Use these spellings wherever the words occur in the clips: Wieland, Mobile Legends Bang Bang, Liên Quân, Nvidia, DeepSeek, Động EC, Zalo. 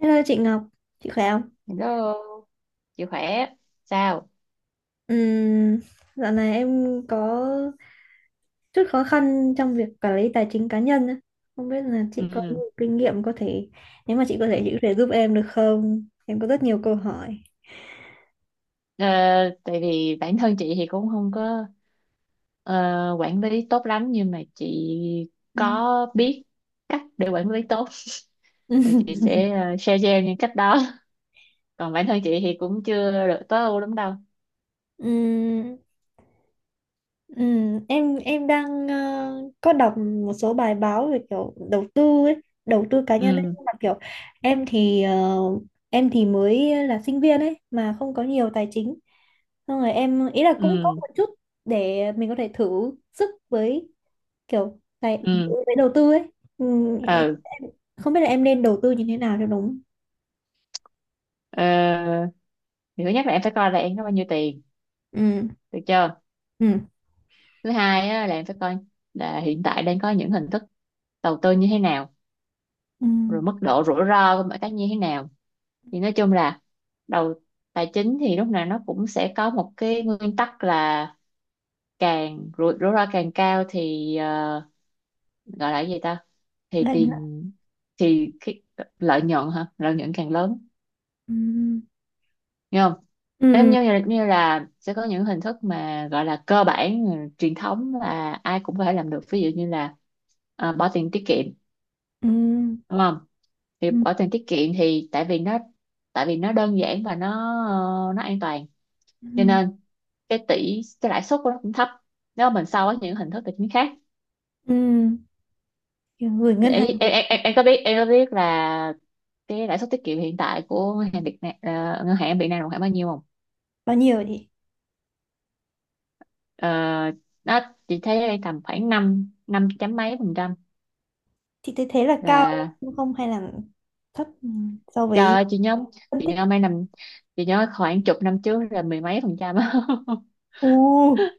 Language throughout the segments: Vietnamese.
Hello chị Ngọc, chị khỏe không? Hello, chị khỏe sao? Ừm, dạo này em có chút khó khăn trong việc quản lý tài chính cá nhân á. Không biết là chị có Ừ. nhiều kinh nghiệm có thể, nếu mà chị có thể giúp em được không? Em có rất nhiều câu hỏi. Ờ, Tại vì bản thân chị thì cũng không có ờ, quản lý tốt lắm, nhưng mà chị Ừm. có biết cách để quản lý tốt thì chị sẽ share cho em những cách đó. Còn bản thân chị thì cũng chưa được tối ưu lắm đâu. Ừm, em đang có đọc một số bài báo về kiểu đầu tư ấy, đầu tư cá nhân ấy, Ừ, nhưng mà kiểu em thì em thì mới là sinh viên ấy mà không có nhiều tài chính. Xong rồi em ý là cũng có ừ, một chút để mình có thể thử sức với kiểu tài ừ, với đầu tư ấy. Ừ, ừ. em không biết là em nên đầu tư như thế nào cho đúng. Ờ, thì thứ nhất là em phải coi là em có bao nhiêu tiền, Ừ. được chưa? Ừ. Thứ hai á, là em phải coi là hiện tại đang có những hình thức đầu tư như thế nào, Ừ. rồi mức độ rủi ro của mọi cái như thế nào. Thì nói chung là đầu tài chính thì lúc nào nó cũng sẽ có một cái nguyên tắc là càng rủi rủi ro càng cao thì gọi là cái gì ta, thì Lại nữa. tiền thì cái lợi nhuận, hả, lợi nhuận càng lớn, Ừ. nghe không? Em Ừ. Như là sẽ có những hình thức mà gọi là cơ bản truyền thống là ai cũng có thể làm được, ví dụ như là bỏ tiền tiết kiệm, Ừ. đúng không? Thì Ừ. bỏ tiền tiết kiệm thì tại vì nó đơn giản và nó nó an toàn, Ừ. cho nên cái tỷ cái lãi suất của nó cũng thấp nếu mà mình so với những hình thức tài chính khác. Ừ. Kiểu gửi Để ngân hàng em có biết, em có biết là cái lãi suất tiết kiệm hiện tại của ngân hàng Việt Nam, ngân hàng Việt Nam là khoảng bao nhiêu không? bao nhiêu Ờ, nó chị thấy đây tầm khoảng năm năm chấm mấy phần trăm thì thấy thế là cao là đúng không hay là thấp so trời với ơi, phân chị tích. nhớ mấy năm chị nhớ khoảng chục năm trước là mười mấy phần trăm á. Ừ.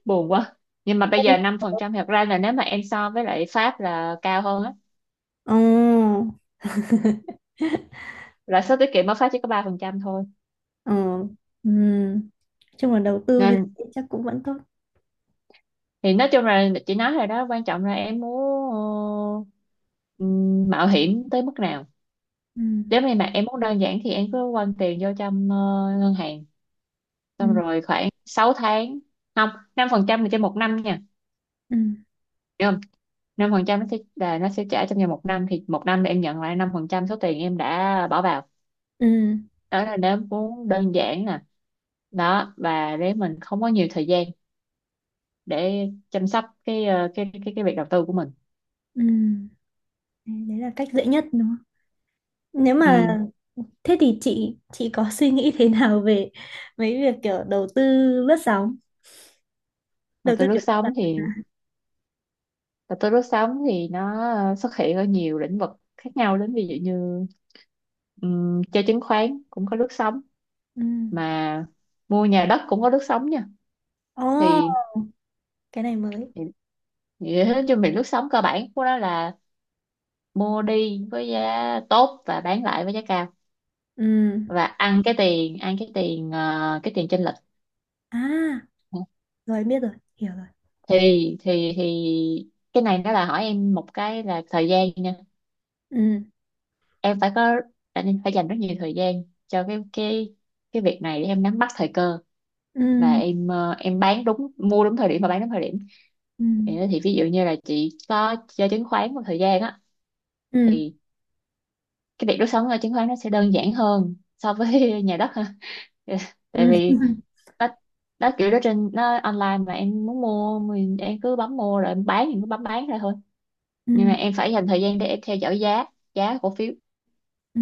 Buồn quá, nhưng mà bây Ừ. giờ năm phần trăm thật ra là nếu mà em so với lại Pháp là cao hơn á, Ừ. lãi suất tiết kiệm ở Pháp chỉ có ba phần trăm thôi Ừ. Ừ. Chung là đầu tư như nên. thế chắc cũng vẫn tốt. Thì nói chung là chị nói rồi đó, quan trọng là em muốn mạo hiểm tới mức nào. Ừ. Nếu như mà em muốn đơn giản thì em cứ quăng tiền vô trong ngân hàng, Ừ. xong rồi khoảng 6 tháng, không, 5% là trên một năm nha, Ừ. hiểu không? Năm phần trăm nó sẽ là nó sẽ trả trong vòng một năm, thì một năm là em nhận lại 5% số tiền em đã bỏ vào. Ừ. Đó là nếu muốn đơn giản nè, đó, và để mình không có nhiều thời gian để chăm sóc cái cái việc đầu tư của mình. Ừ. Đấy đấy là cách dễ nhất đúng không nếu mà Ừ. thế thì chị có suy nghĩ thế nào về mấy việc kiểu đầu tư lướt sóng, Và đầu tư tới kiểu lướt lướt sóng thì, sóng. và tôi lướt sóng thì nó xuất hiện ở nhiều lĩnh vực khác nhau đến, ví dụ như chơi chứng khoán cũng có lướt sóng, Ừ. mà mua nhà đất cũng có lướt sóng nha. Ồ, Thì cái này mới. thì- nói chung thì lướt sóng cơ bản của nó là mua đi với giá tốt và bán lại với giá cao Ừ. và ăn cái tiền cái tiền chênh lệch. À, rồi biết rồi, hiểu rồi. Thì thì thì cái này nó là hỏi em một cái là thời gian nha, Ừ. em phải có, em phải dành rất nhiều thời gian cho cái việc này để em nắm bắt thời cơ Ừ. và em ờ, em bán đúng mua đúng thời điểm và bán đúng thời điểm. Ừ. Thì ví dụ như là chị có chơi chứng khoán một thời gian á, Ừ. thì cái việc đốt sống ở chứng khoán nó sẽ đơn giản hơn so với nhà đất ha. Ừ. Tại vì nó nó kiểu đó trên nó online, mà em muốn mua mình em cứ bấm mua, rồi em bán thì cứ bấm bán ra thôi, nhưng mà Ừ. em phải dành thời gian để em theo dõi giá, giá cổ phiếu. Ừ.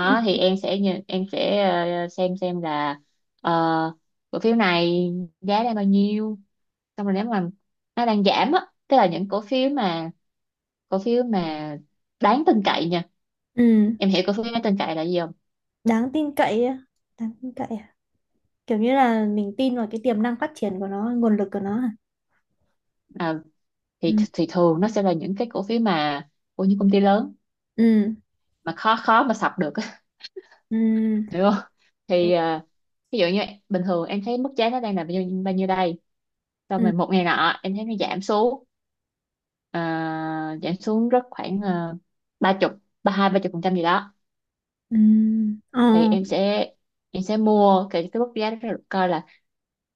Ừ. thì Ừ. Em sẽ xem là ờ, cổ phiếu này giá đang bao nhiêu, xong rồi nếu mà nó đang giảm á, tức là những cổ phiếu mà cổ phiếu mà đáng tin cậy nha. Ừ. Em hiểu cổ phiếu đáng tin cậy là gì không? Đáng tin cậy á, đáng tin cậy à, kiểu như là mình tin vào cái tiềm năng phát triển của nó, nguồn lực của nó à. à, Ừ. thì thường nó sẽ là những cái cổ phiếu mà của những công ty lớn Ừ. mà khó khó mà sập được á, Ừ. hiểu không? Ừ. Thì ví dụ như bình thường em thấy mức giá nó đang là bao nhiêu đây, xong Ừ. rồi một ngày nọ em thấy nó giảm xuống, ờ, giảm xuống rất khoảng ba chục, ba chục phần trăm gì đó. Ừ. Ờ. Thì em sẽ mua cái mức giá đó rồi coi là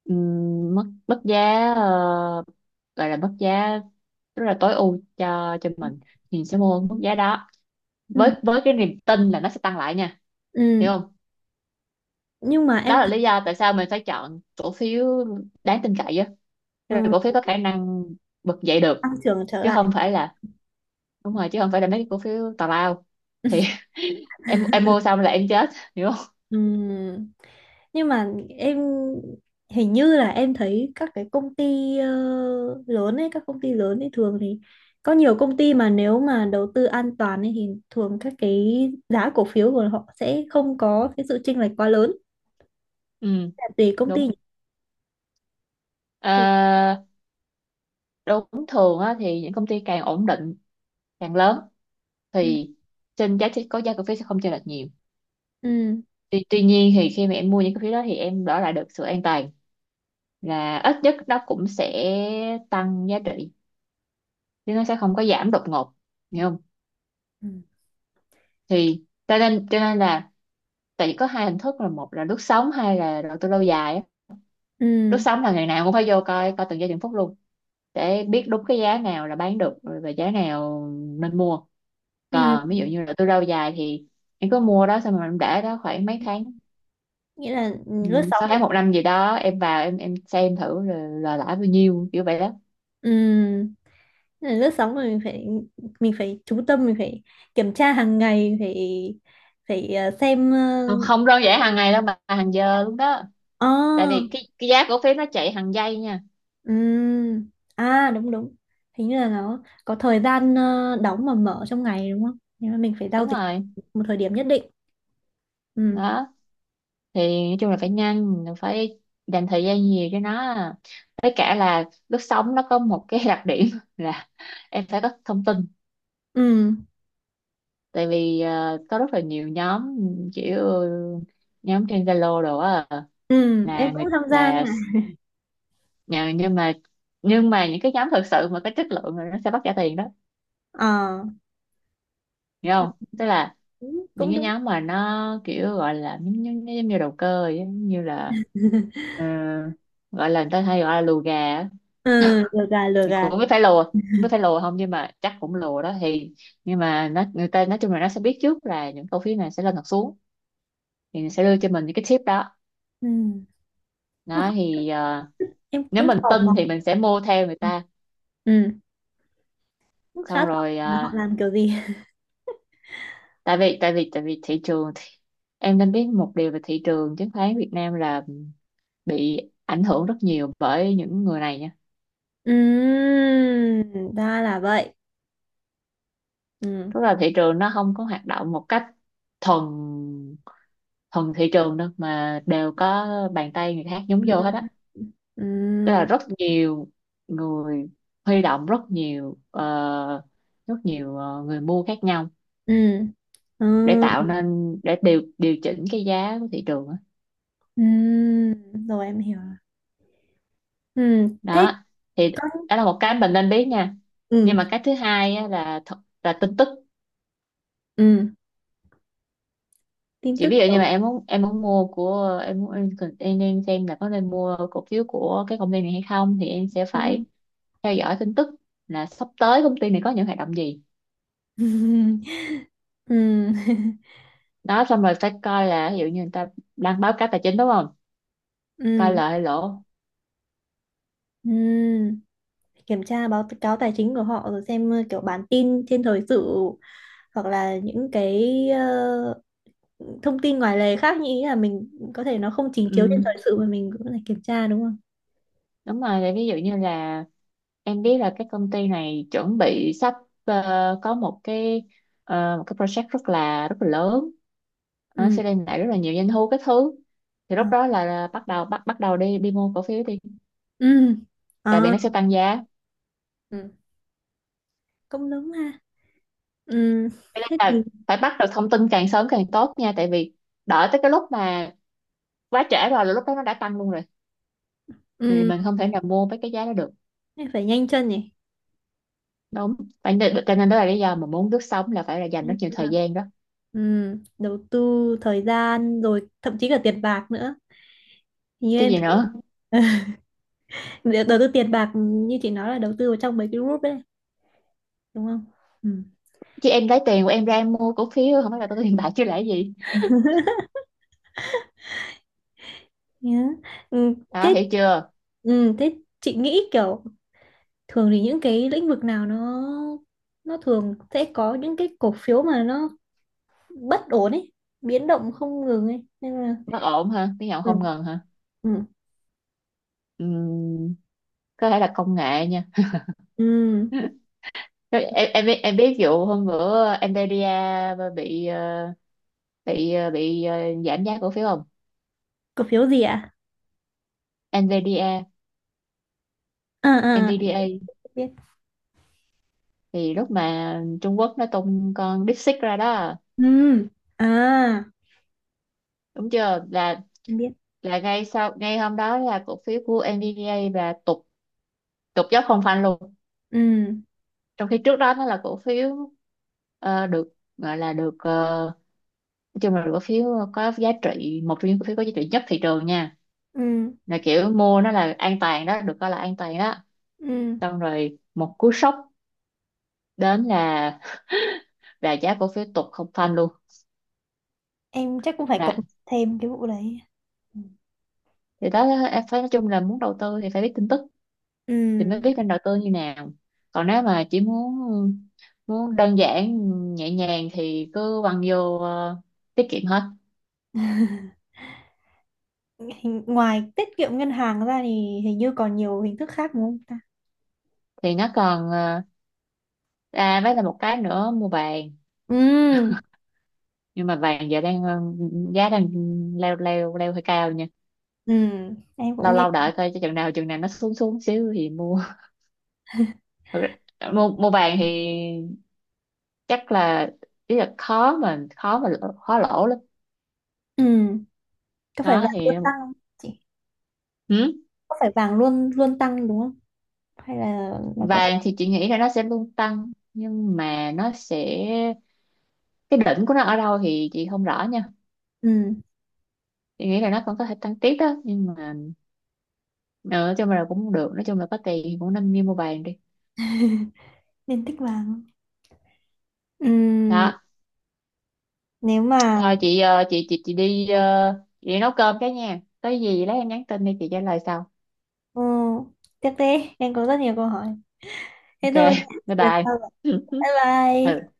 mức mức giá gọi là mức giá rất là tối ưu cho mình, thì mình sẽ mua mức giá đó Ừ. với cái niềm tin là nó sẽ tăng lại nha, Ừ. hiểu không? Nhưng mà Đó em là thấy lý do tại sao mình phải chọn cổ phiếu đáng tin cậy á, ờ, tức là cổ phiếu có khả năng bật dậy được, tăng trưởng trở chứ lại. không phải là, đúng rồi, chứ không phải là mấy cái cổ phiếu tào lao. Thì em mua xong là em chết, hiểu không? Ừ. Nhưng mà em hình như là em thấy các cái công ty lớn ấy, các công ty lớn ấy thường thì có nhiều công ty mà nếu mà đầu tư an toàn ấy thì thường các cái giá cổ phiếu của họ sẽ không có cái sự chênh lệch quá lớn. Ừ, Là tùy công ty nhỉ? đúng. Tùy. Ờ, Đúng, thường á, thì những công ty càng ổn định càng lớn Ừ. thì trên giá trị có giá cổ phiếu sẽ không chênh lệch nhiều. Ừ. Tuy nhiên thì khi mà em mua những cổ phiếu đó thì em đổi lại được sự an toàn là ít nhất nó cũng sẽ tăng giá trị, chứ nó sẽ không có giảm đột ngột, hiểu không? Ừ. Thì cho nên là tại vì có hai hình thức là một là lướt sóng, hai là đầu tư lâu dài á. Ừ. Lướt sóng là ngày nào cũng phải vô coi, coi từng giây từng phút luôn để biết đúng cái giá nào là bán được và giá nào nên mua. Ừ. Còn ví dụ như là tôi rau dài thì em cứ mua đó, xong rồi em để đó khoảng mấy tháng, Nghĩa là ừ, lớp 6 sáu này. tháng một năm gì đó, em vào em xem thử là lãi bao nhiêu kiểu vậy đó. Ừ. Nên là lướt sóng là mình phải, mình phải chú tâm, mình phải kiểm tra hàng ngày, phải phải xem Không, không đơn giản hàng ngày đâu mà hàng giờ luôn đó, ờ, tại vì cái giá cổ phiếu nó chạy hàng giây nha. ừm, à đúng đúng. Hình như là nó có thời gian đóng và mở trong ngày đúng không? Nếu mà mình phải giao Đúng dịch rồi. một thời điểm nhất định. Ừ, Đó thì nói chung là phải nhanh, phải dành thời gian nhiều cho nó, với cả là lướt sóng nó có một cái đặc điểm là em phải có thông tin, ừ, tại vì có rất là nhiều nhóm, kiểu nhóm trên Zalo đồ á, ừ, em là người cũng tham gia là nha. Nhưng mà những cái nhóm thực sự mà có chất lượng rồi nó sẽ bắt trả tiền đó, Ờ, hiểu ừ, không? Tức là cũng những cũng cái đúng. nhóm mà nó kiểu gọi là giống như đầu cơ vậy á, như là ờ, gọi là người ta hay gọi là lùa gà á. Ừ, lừa gà, lừa Mình gà. cũng không biết phải lùa không, biết phải lùa không, nhưng mà chắc cũng lùa đó. Thì nhưng mà nó người ta nói chung là nó sẽ biết trước là những cổ phiếu này sẽ lên hoặc xuống, thì sẽ đưa cho mình những cái tip đó. Ừ. Mà Đó không, thì em nếu cũng mình tò mò. tin thì mình sẽ mua theo người ta, Ừ. Cũng khá xong tầm rồi là họ làm kiểu gì. Tại vì thị trường thì em nên biết một điều về thị trường chứng khoán Việt Nam là bị ảnh hưởng rất nhiều bởi những người này nha. Ra là vậy. Tức Ừm. là thị trường nó không có hoạt động một cách thuần thuần thị trường đâu, mà đều có bàn tay người khác nhúng Ừ. vô hết á. Tức là Ừm, rất nhiều người huy động rất nhiều người mua khác nhau ừm, để ừm, tạo nên để điều điều chỉnh cái giá của thị trường á. ừm. Rồi em hiểu rồi. Thế Đó thì có đó là một cái mình nên biết nha. Nhưng ừm, mà cái thứ hai á, là là tin tức. ừm, tin Chỉ tức. ví dụ như mà em muốn mua của em muốn em, em nên xem là có nên mua cổ phiếu của cái công ty này hay không thì em sẽ Ừ. Ừm, phải theo dõi tin tức là sắp tới công ty này có những hoạt động gì. ừm, Đó xong rồi phải coi là ví dụ như người ta đang báo cáo tài chính, đúng không, coi ừm, lợi hay lỗ. ừm. Kiểm tra báo cáo tài chính của họ rồi xem kiểu bản tin trên thời sự hoặc là những cái thông tin ngoài lề khác, như ý là mình có thể nó không trình chiếu trên ừ, thời sự mà mình cũng phải kiểm tra đúng không? Đúng rồi, thì ví dụ như là em biết là cái công ty này chuẩn bị sắp ờ, có một cái ờ, một cái project rất là lớn, nó Ừ. sẽ đem lại rất là nhiều doanh thu cái thứ. Thì ờ, lúc đó là bắt đầu bắt bắt đầu đi đi mua cổ phiếu đi, ừ. tại vì Ờ. nó sẽ tăng giá. Ừ, cũng đúng ha. Ừ, Cho nên thế thì là phải bắt được thông tin càng sớm càng tốt nha, tại vì đợi tới cái lúc mà quá trễ rồi là lúc đó nó đã tăng luôn rồi, thì ừ, mình không thể nào mua với cái giá đó được. thế phải nhanh chân nhỉ. Đúng, phải, cho nên đó là lý do mà muốn lướt sóng là phải là dành rất Nhanh nhiều chân là- thời gian đó. ừ, đầu tư thời gian rồi thậm chí cả tiền bạc nữa. Hình như Chứ em gì thấy nữa, để đầu tư tiền bạc như chị nói là đầu tư vào trong mấy cái group đấy đúng không. Ừ. chứ em lấy tiền của em ra em mua cổ phiếu không phải là tôi có tiền bạc chứ lẽ gì. Nhớ. Ừ. Đó, Thế hiểu chưa? ừ. Thế chị nghĩ kiểu thường thì những cái lĩnh vực nào nó thường sẽ có những cái cổ phiếu mà nó bất ổn ấy, biến động không ngừng ấy nên là Bất ổn ha, tiếng Nhật ừ. không ngần ha. Ừ. Ừm, có thể là công nghệ nha. Ừ. Em biết, vụ hôm bữa Nvidia bị bị giảm giá cổ phiếu không? Cổ phiếu gì ạ? Nvidia, À à, Nvidia. em biết. Thì lúc mà Trung Quốc nó tung con DeepSeek ra đó, Ừ. À, đúng chưa, là em biết. là ngay sau ngay hôm đó là cổ phiếu của Nvidia là tụt tụt dốc không phanh luôn. Ừ. Trong khi trước đó nó là cổ phiếu ờ, được gọi là được ờ, nói chung là được cổ phiếu có giá trị, một trong những cổ phiếu có giá trị nhất thị trường nha, Ừ. là kiểu mua nó là an toàn đó, được coi là an toàn đó. Ừ. Xong rồi một cú sốc đến là giá cổ phiếu tụt không phanh luôn. Em chắc cũng phải Đó. cập nhật thêm cái vụ đấy. Ừ. Thì đó, em phải nói chung là muốn đầu tư thì phải biết tin tức thì mới biết nên đầu tư như nào. Còn nếu mà chỉ muốn muốn đơn giản nhẹ nhàng thì cứ quăng vô tiết kiệm hết. Ừ hình, ngoài tiết kiệm ngân hàng ra thì hình như còn nhiều hình thức khác đúng không ta. Thì nó còn với là một cái nữa, mua vàng. Ừ. Nhưng mà vàng giờ đang giá đang leo leo leo hơi cao nha. Ừ, em Lâu cũng nghe. lâu đợi coi cho chừng nào nó xuống xuống xíu thì mua. Thật ra, mua mua vàng thì chắc là ý là khó lỗ lắm. Ừ, có phải Đó vàng luôn thì tăng không chị? ừ, Có phải vàng luôn luôn tăng đúng không, hay là nó có thể vàng thì chị nghĩ là nó sẽ luôn tăng, nhưng mà nó sẽ cái đỉnh của nó ở đâu thì chị không rõ nha. ừ Chị nghĩ là nó còn có thể tăng tiếp đó, nhưng mà nói chung là có tiền thì cũng nên đi mua vàng đi. nên tích vàng không? Ừ Đó nếu mà thôi, chị chị đi chị đi nấu cơm cái nha, có gì lấy em nhắn tin đi chị trả lời sau. ừ, tiếp đi, em có rất nhiều câu hỏi. Thế Ok, thôi, bye lần bye. sau gặp. Bye Ừ. bye.